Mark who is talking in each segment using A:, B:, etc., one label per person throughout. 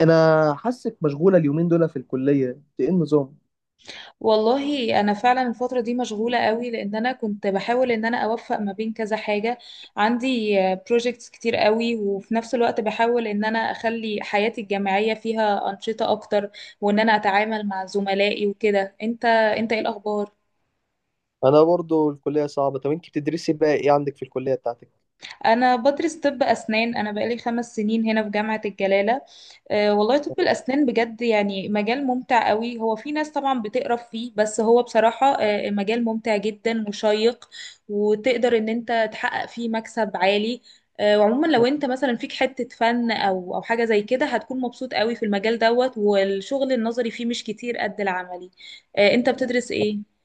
A: انا حاسك مشغوله اليومين دول في الكليه، انت ايه النظام؟
B: والله انا فعلا الفتره دي مشغوله قوي لان انا كنت بحاول ان انا اوفق ما بين كذا حاجه. عندي بروجكتس كتير قوي، وفي نفس الوقت بحاول ان انا اخلي حياتي الجامعيه فيها انشطه اكتر وان انا اتعامل مع زملائي وكده. انت ايه الاخبار؟
A: انا برضو الكليه صعبه، طب انت بتدرسي بقى ايه عندك في الكليه بتاعتك؟
B: انا بدرس طب اسنان، انا بقالي 5 سنين هنا في جامعه الجلاله. والله طب الأسنان بجد يعني مجال ممتع قوي. هو في ناس طبعا بتقرف فيه، بس هو بصراحة مجال ممتع جدا وشيق، وتقدر ان انت تحقق فيه مكسب عالي. وعموما لو انت مثلا فيك حتة فن او حاجة زي كده، هتكون مبسوط قوي في المجال دوت، والشغل النظري فيه مش كتير قد العملي. انت بتدرس ايه؟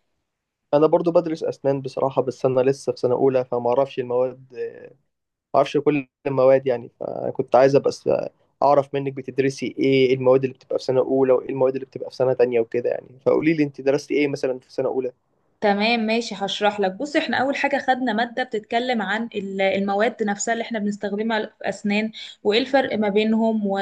A: انا برضو بدرس اسنان بصراحه، بس انا لسه في سنه اولى فما اعرفش المواد، ما اعرفش كل المواد، يعني فكنت عايزه بس اعرف منك بتدرسي ايه، إيه المواد اللي بتبقى في سنه اولى، وايه المواد اللي بتبقى في سنه تانية وكده، يعني فقولي لي انت درستي ايه مثلا في سنه اولى.
B: تمام ماشي، هشرح لك. بص، احنا اول حاجه خدنا ماده بتتكلم عن المواد نفسها اللي احنا بنستخدمها في اسنان، وايه الفرق ما بينهم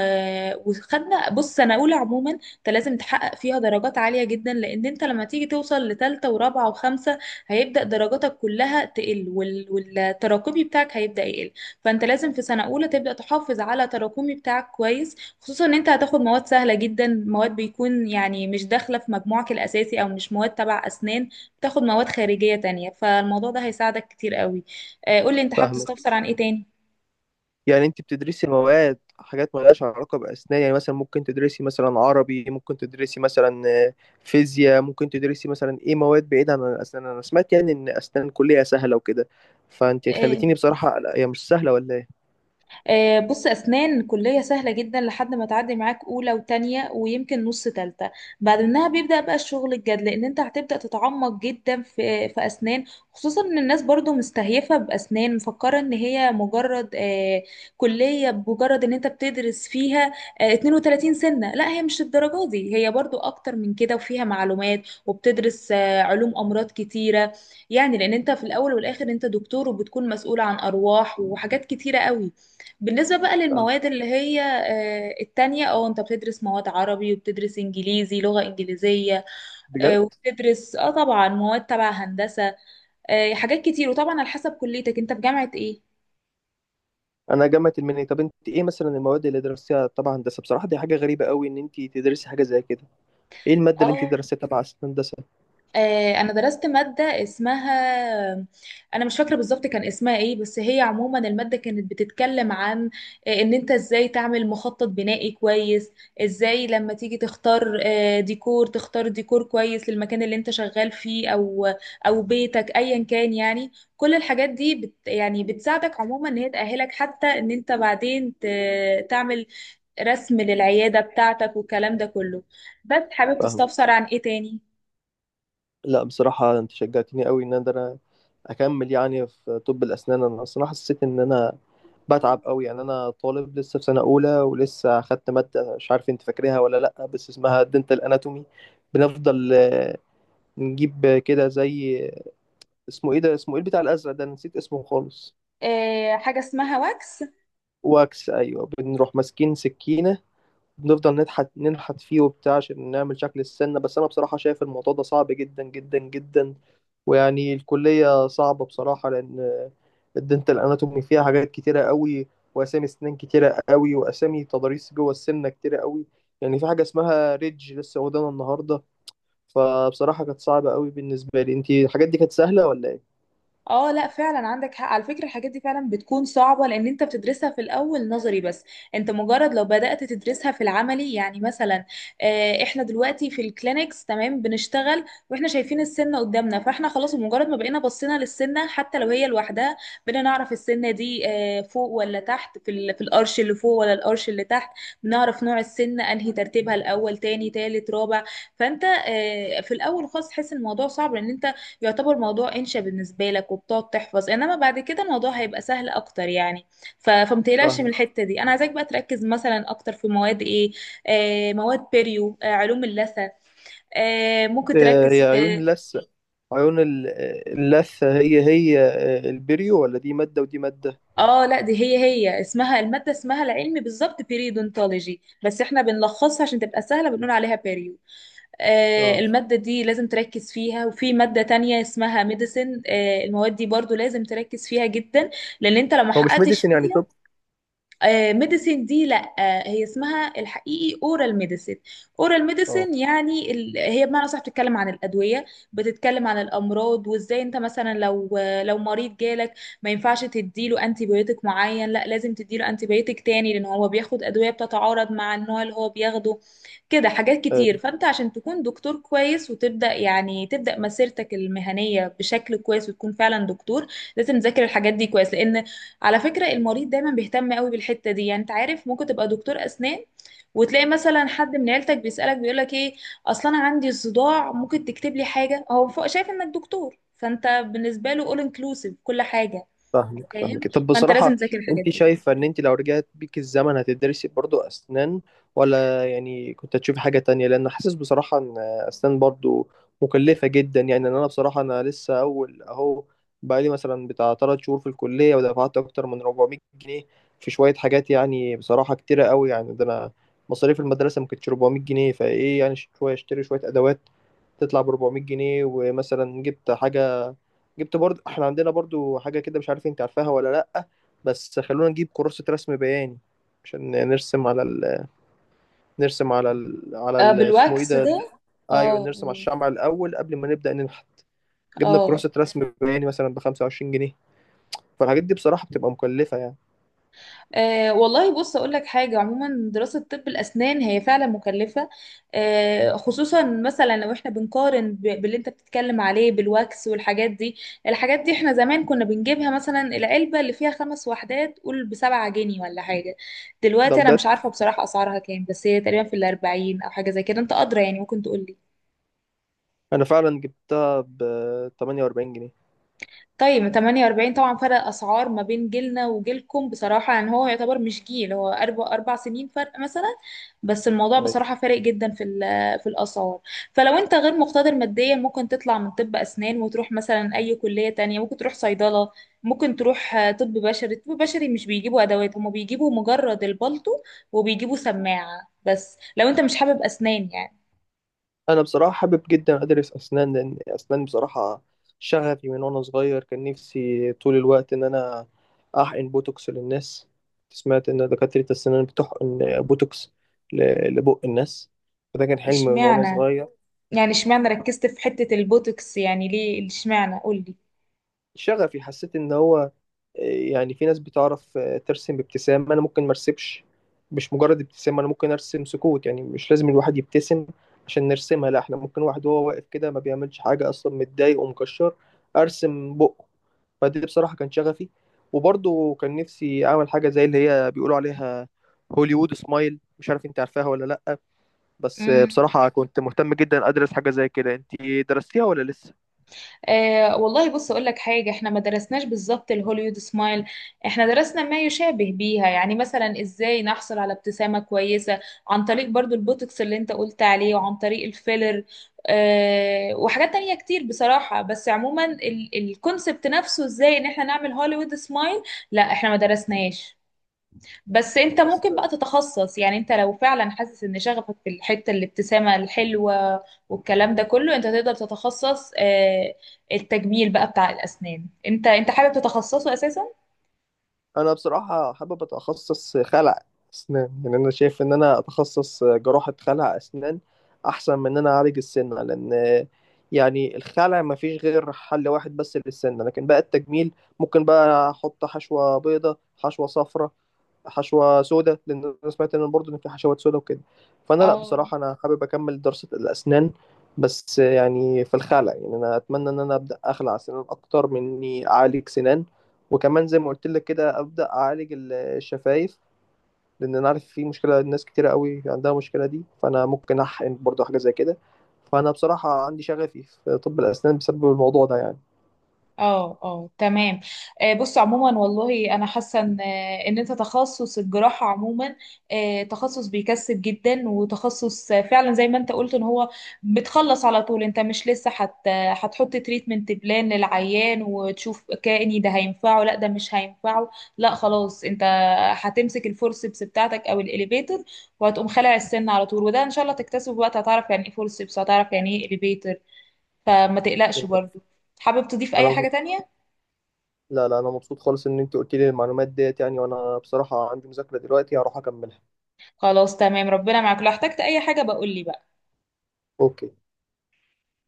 B: وخدنا. بص، سنه اولى عموما انت لازم تحقق فيها درجات عاليه جدا، لان انت لما تيجي توصل لثالثه ورابعه وخمسه هيبدا درجاتك كلها تقل، والتراكمي بتاعك هيبدا يقل. فانت لازم في سنه اولى تبدا تحافظ على تراكمي بتاعك كويس، خصوصا ان انت هتاخد مواد سهله جدا، مواد بيكون يعني مش داخله في مجموعك الاساسي، او مش مواد تبع اسنان، تاخد مواد خارجية تانية. فالموضوع ده هيساعدك كتير قوي. قولي، انت حابب
A: فاهمك.
B: تستفسر عن ايه تاني؟
A: يعني انت بتدرسي مواد حاجات مالهاش علاقة بأسنان، يعني مثلا ممكن تدرسي مثلا عربي، ممكن تدرسي مثلا آه، فيزياء، ممكن تدرسي مثلا ايه، مواد بعيدة عن الأسنان. انا سمعت يعني ان أسنان كلية سهلة وكده، فانت
B: إيه.
A: خليتيني بصراحة... لا، هي مش سهلة ولا ايه؟
B: بص، أسنان كلية سهلة جدا لحد ما تعدي معاك أولى وتانية ويمكن نص تالتة. بعد منها بيبدأ بقى الشغل الجاد، لأن أنت هتبدأ تتعمق جدا في أسنان. خصوصا إن الناس برضو مستهيفة بأسنان، مفكرة إن هي مجرد كلية، بمجرد إن أنت بتدرس فيها 32 سنة. لا، هي مش الدرجة دي، هي برضو أكتر من كده، وفيها معلومات، وبتدرس علوم أمراض كتيرة، يعني لأن أنت في الأول والآخر أنت دكتور وبتكون مسؤول عن أرواح وحاجات كتيرة قوي. بالنسبة بقى
A: آه،
B: للمواد اللي هي التانية، او انت بتدرس مواد عربي وبتدرس انجليزي لغة انجليزية،
A: بجد؟
B: وبتدرس اه طبعا مواد تبع هندسة، حاجات كتير، وطبعا على حسب كليتك انت في جامعة ايه.
A: انا جامعة المنيا. طب انت ايه مثلا المواد اللي درستيها تبع هندسة؟ بصراحة دي حاجة غريبة قوي ان انت تدرسي حاجة زي كده. ايه المادة اللي انت
B: اه.
A: درستيها تبع هندسة؟
B: انا درست ماده اسمها، انا مش فاكره بالظبط كان اسمها ايه، بس هي عموما الماده كانت بتتكلم عن ان انت ازاي تعمل مخطط بنائي كويس، ازاي لما تيجي تختار ديكور، تختار ديكور كويس للمكان اللي انت شغال فيه او بيتك ايا كان. يعني كل الحاجات دي بت يعني بتساعدك عموما، ان هي تأهلك حتى ان انت بعدين تعمل رسم للعياده بتاعتك والكلام ده كله. بس حابب
A: فاهمة.
B: تستفسر عن ايه تاني؟
A: لا بصراحة انت شجعتني قوي ان انا اكمل يعني في طب الاسنان. انا اصلا حسيت ان انا بتعب قوي، يعني انا طالب لسه في سنة اولى، ولسه اخدت مادة، مش عارف انت فاكرها ولا لا، بس اسمها دنتال اناتومي. بنفضل نجيب كده زي... اسمه ايه ده؟ اسمه ايه بتاع الازرق ده؟ أنا نسيت اسمه خالص.
B: حاجة اسمها واكس.
A: واكس، ايوه. بنروح ماسكين سكينة، بنفضل نضحك ننحت فيه وبتاع عشان نعمل شكل السنة. بس أنا بصراحة شايف الموضوع ده صعب جدا جدا جدا، ويعني الكلية صعبة بصراحة، لأن الدنتال أناتومي فيها حاجات كتيرة قوي، وأسامي أسنان كتيرة قوي، وأسامي تضاريس جوه السنة كتيرة قوي. يعني في حاجة اسمها ريدج لسه قدامنا النهاردة. فبصراحة كانت صعبة قوي بالنسبة لي. أنتي الحاجات دي كانت سهلة ولا إيه؟
B: اه لا، فعلا عندك حق على فكرة، الحاجات دي فعلا بتكون صعبة لان انت بتدرسها في الاول نظري بس. انت مجرد لو بدأت تدرسها في العملي يعني مثلا، احنا دلوقتي في الكلينكس تمام بنشتغل، واحنا شايفين السنة قدامنا، فاحنا خلاص مجرد ما بقينا بصينا للسنة حتى لو هي لوحدها، بقينا نعرف السنة دي فوق ولا تحت، في في القرش اللي فوق ولا القرش اللي تحت. بنعرف نوع السنة، انهي ترتيبها، الاول تاني تالت رابع. فانت في الاول خالص تحس الموضوع صعب، لان انت يعتبر موضوع انشا بالنسبه لك وبتقعد تحفظ، انما بعد كده الموضوع هيبقى سهل اكتر يعني. فمتقلقش من
A: فاهمة.
B: الحته دي. انا عايزاك بقى تركز مثلا اكتر في مواد ايه. آه، مواد بيريو، آه علوم اللثه، آه ممكن
A: آه،
B: تركز
A: هي عيون
B: في.
A: اللثة. عيون اللثة، هي البريو، ولا دي مادة ودي مادة؟
B: اه لا، دي هي اسمها، الماده اسمها العلمي بالظبط بيريودونتولوجي بس احنا بنلخصها عشان تبقى سهله، بنقول عليها بيريو. آه،
A: اه.
B: الماده دي لازم تركز فيها، وفي ماده تانية اسمها ميديسن، آه المواد دي برضو لازم تركز فيها جدا لان انت لو ما
A: هو مش
B: حققتش
A: ميديسن يعني
B: فيها.
A: طب؟
B: ميديسين دي لا، هي اسمها الحقيقي اورال ميديسين. اورال
A: اه.
B: ميديسين يعني هي بمعنى صح بتتكلم عن الادويه، بتتكلم عن الامراض، وازاي انت مثلا لو لو مريض جالك ما ينفعش تديله انتي بيوتيك معين، لا لازم تديله انتي بيوتيك تاني لان هو بياخد ادويه بتتعارض مع النوع اللي هو بياخده. كده حاجات كتير.
A: ايوه.
B: فانت عشان تكون دكتور كويس، وتبدا يعني تبدا مسيرتك المهنيه بشكل كويس، وتكون فعلا دكتور، لازم تذاكر الحاجات دي كويس، لان على فكرة المريض دايما بيهتم قوي بالحتة دي. يعني انت عارف، ممكن تبقى دكتور أسنان وتلاقي مثلا حد من عيلتك بيسألك بيقولك ايه، اصلا انا عندي صداع ممكن تكتب لي حاجة. هو فوق شايف انك دكتور، فانت بالنسبة له all inclusive، كل حاجة.
A: فاهمك فاهمك.
B: فاهم،
A: طب
B: فانت
A: بصراحة
B: لازم تذاكر
A: انت
B: الحاجات دي.
A: شايفة ان انت لو رجعت بيك الزمن هتدرسي برضو اسنان، ولا يعني كنت هتشوفي حاجة تانية؟ لان حاسس بصراحة ان اسنان برضو مكلفة جدا، يعني ان انا بصراحة انا لسه اول اهو، بقالي مثلا بتاع 3 شهور في الكلية ودفعت اكتر من 400 جنيه في شوية حاجات، يعني بصراحة كتيرة قوي، يعني ده انا مصاريف المدرسة ما كانتش 400 جنيه، فايه؟ يعني شوية اشتري شوية ادوات تطلع ب 400 جنيه، ومثلا جبت حاجة، جبت برضو... احنا عندنا برضو حاجة كده، مش عارف انت عارفاها ولا لأ، بس خلونا نجيب كراسة رسم بياني عشان نرسم على ال... نرسم على ال... على ال... اسمه ايه
B: بالواكس
A: ده
B: ده.
A: ايوه،
B: اه.
A: نرسم على الشمع الأول قبل ما نبدأ ننحت.
B: اه.
A: جبنا
B: آه.
A: كراسة رسم بياني مثلا بخمسة وعشرين جنيه. فالحاجات دي بصراحة بتبقى مكلفة يعني.
B: أه والله، بص اقول لك حاجه، عموما دراسه طب الاسنان هي فعلا مكلفه. أه خصوصا مثلا لو احنا بنقارن باللي انت بتتكلم عليه بالواكس والحاجات دي. الحاجات دي احنا زمان كنا بنجيبها مثلا، العلبه اللي فيها 5 وحدات قول بـ7 جنيه ولا حاجه.
A: ده
B: دلوقتي انا
A: بجد؟
B: مش عارفه بصراحه اسعارها كام، بس هي تقريبا في الاربعين او حاجه زي كده، انت ادرى يعني، ممكن تقول لي.
A: أنا فعلا جبتها بتمانية وأربعين جنيه.
B: طيب 48، طبعا فرق اسعار ما بين جيلنا وجيلكم بصراحه، يعني هو يعتبر مش جيل، هو اربع سنين فرق مثلا. بس الموضوع بصراحه فارق جدا في في الاسعار. فلو انت غير مقتدر ماديا، ممكن تطلع من طب اسنان وتروح مثلا اي كليه تانية، ممكن تروح صيدله، ممكن تروح طب بشري. طب بشري مش بيجيبوا ادوات، هما بيجيبوا مجرد البلطو وبيجيبوا سماعه بس، لو انت مش حابب اسنان يعني.
A: انا بصراحه حابب جدا ادرس اسنان، لان اسنان بصراحه شغفي. من وانا صغير كان نفسي طول الوقت ان انا احقن بوتوكس للناس. سمعت ان دكاتره الاسنان بتحقن بوتوكس لبق الناس. فده كان حلم من وانا
B: اشمعنى،
A: صغير.
B: يعني اشمعنى ركزت في حته البوتوكس، يعني ليه اشمعنى، قولي.
A: شغفي، حسيت ان هو يعني في ناس بتعرف ترسم بابتسامة. انا ممكن ما ارسمش. مش مجرد ابتسامة، انا ممكن ارسم سكوت. يعني مش لازم الواحد يبتسم عشان نرسمها، لا، احنا ممكن واحد وهو واقف كده ما بيعملش حاجة اصلا، متضايق ومكشر، ارسم بقه. فدي بصراحة كان شغفي. وبرضه كان نفسي أعمل حاجة زي اللي هي بيقولوا عليها هوليوود سمايل. مش عارف أنت عارفاها ولا لأ، بس بصراحة كنت مهتم جدا أدرس حاجة زي كده. أنت درستيها ولا لسه؟
B: والله بص اقول لك حاجه، احنا ما درسناش بالظبط الهوليوود سمايل، احنا درسنا ما يشابه بيها. يعني مثلا ازاي نحصل على ابتسامه كويسه عن طريق برضو البوتوكس اللي انت قلت عليه، وعن طريق الفيلر، وحاجات تانية كتير بصراحه. بس عموما الكونسبت نفسه ازاي ان احنا نعمل هوليوود سمايل، لا احنا ما درسناش. بس
A: آه،
B: انت
A: بس
B: ممكن بقى تتخصص. يعني انت لو فعلا حاسس ان شغفك في الحتة الابتسامة الحلوة والكلام ده كله، انت تقدر تتخصص التجميل بقى بتاع الاسنان. انت حابب تتخصصه اساسا؟
A: انا بصراحه حابب اتخصص خلع اسنان. يعني انا شايف ان انا اتخصص جراحه خلع اسنان احسن من ان انا اعالج السنه، لان يعني الخلع ما فيش غير حل واحد بس للسنه، لكن بقى التجميل ممكن بقى احط حشوه بيضه، حشوه صفراء، حشوه سوداء، لان انا سمعت ان برضه ان في حشوات سوداء وكده. فانا لا
B: اه.
A: بصراحه انا حابب اكمل دراسه الاسنان، بس يعني في الخلع، يعني انا اتمنى ان انا ابدا اخلع اسنان اكتر من اني اعالج سنان. وكمان زي ما قلت لك كده، ابدا اعالج الشفايف، لان انا عارف في مشكله، ناس كتيره قوي عندها المشكله دي، فانا ممكن احقن برضه حاجه زي كده. فانا بصراحه عندي شغفي في طب الاسنان بسبب الموضوع ده يعني.
B: اه. اه تمام. بص عموما والله انا حاسه ان ان انت تخصص الجراحه عموما تخصص بيكسب جدا، وتخصص فعلا زي ما انت قلت، ان هو بتخلص على طول. انت مش لسه هتحط تريتمنت بلان للعيان وتشوف كأني ده هينفعه لا ده مش هينفعه. لا خلاص، انت هتمسك الفورسبس بتاعتك او الاليفيتر، وهتقوم خلع السن على طول. وده ان شاء الله تكتسبه وقت، هتعرف يعني ايه فورسبس، هتعرف يعني ايه اليفيتر. فما تقلقش برضه. حابب تضيف اي حاجه
A: انا
B: تانية؟
A: لا لا، انا مبسوط خالص ان انت قلت لي المعلومات ديت، يعني وانا بصراحه عندي مذاكره دلوقتي هروح اكملها.
B: خلاص تمام، ربنا معاك، لو احتجت اي حاجة بقول لي بقى.
A: اوكي.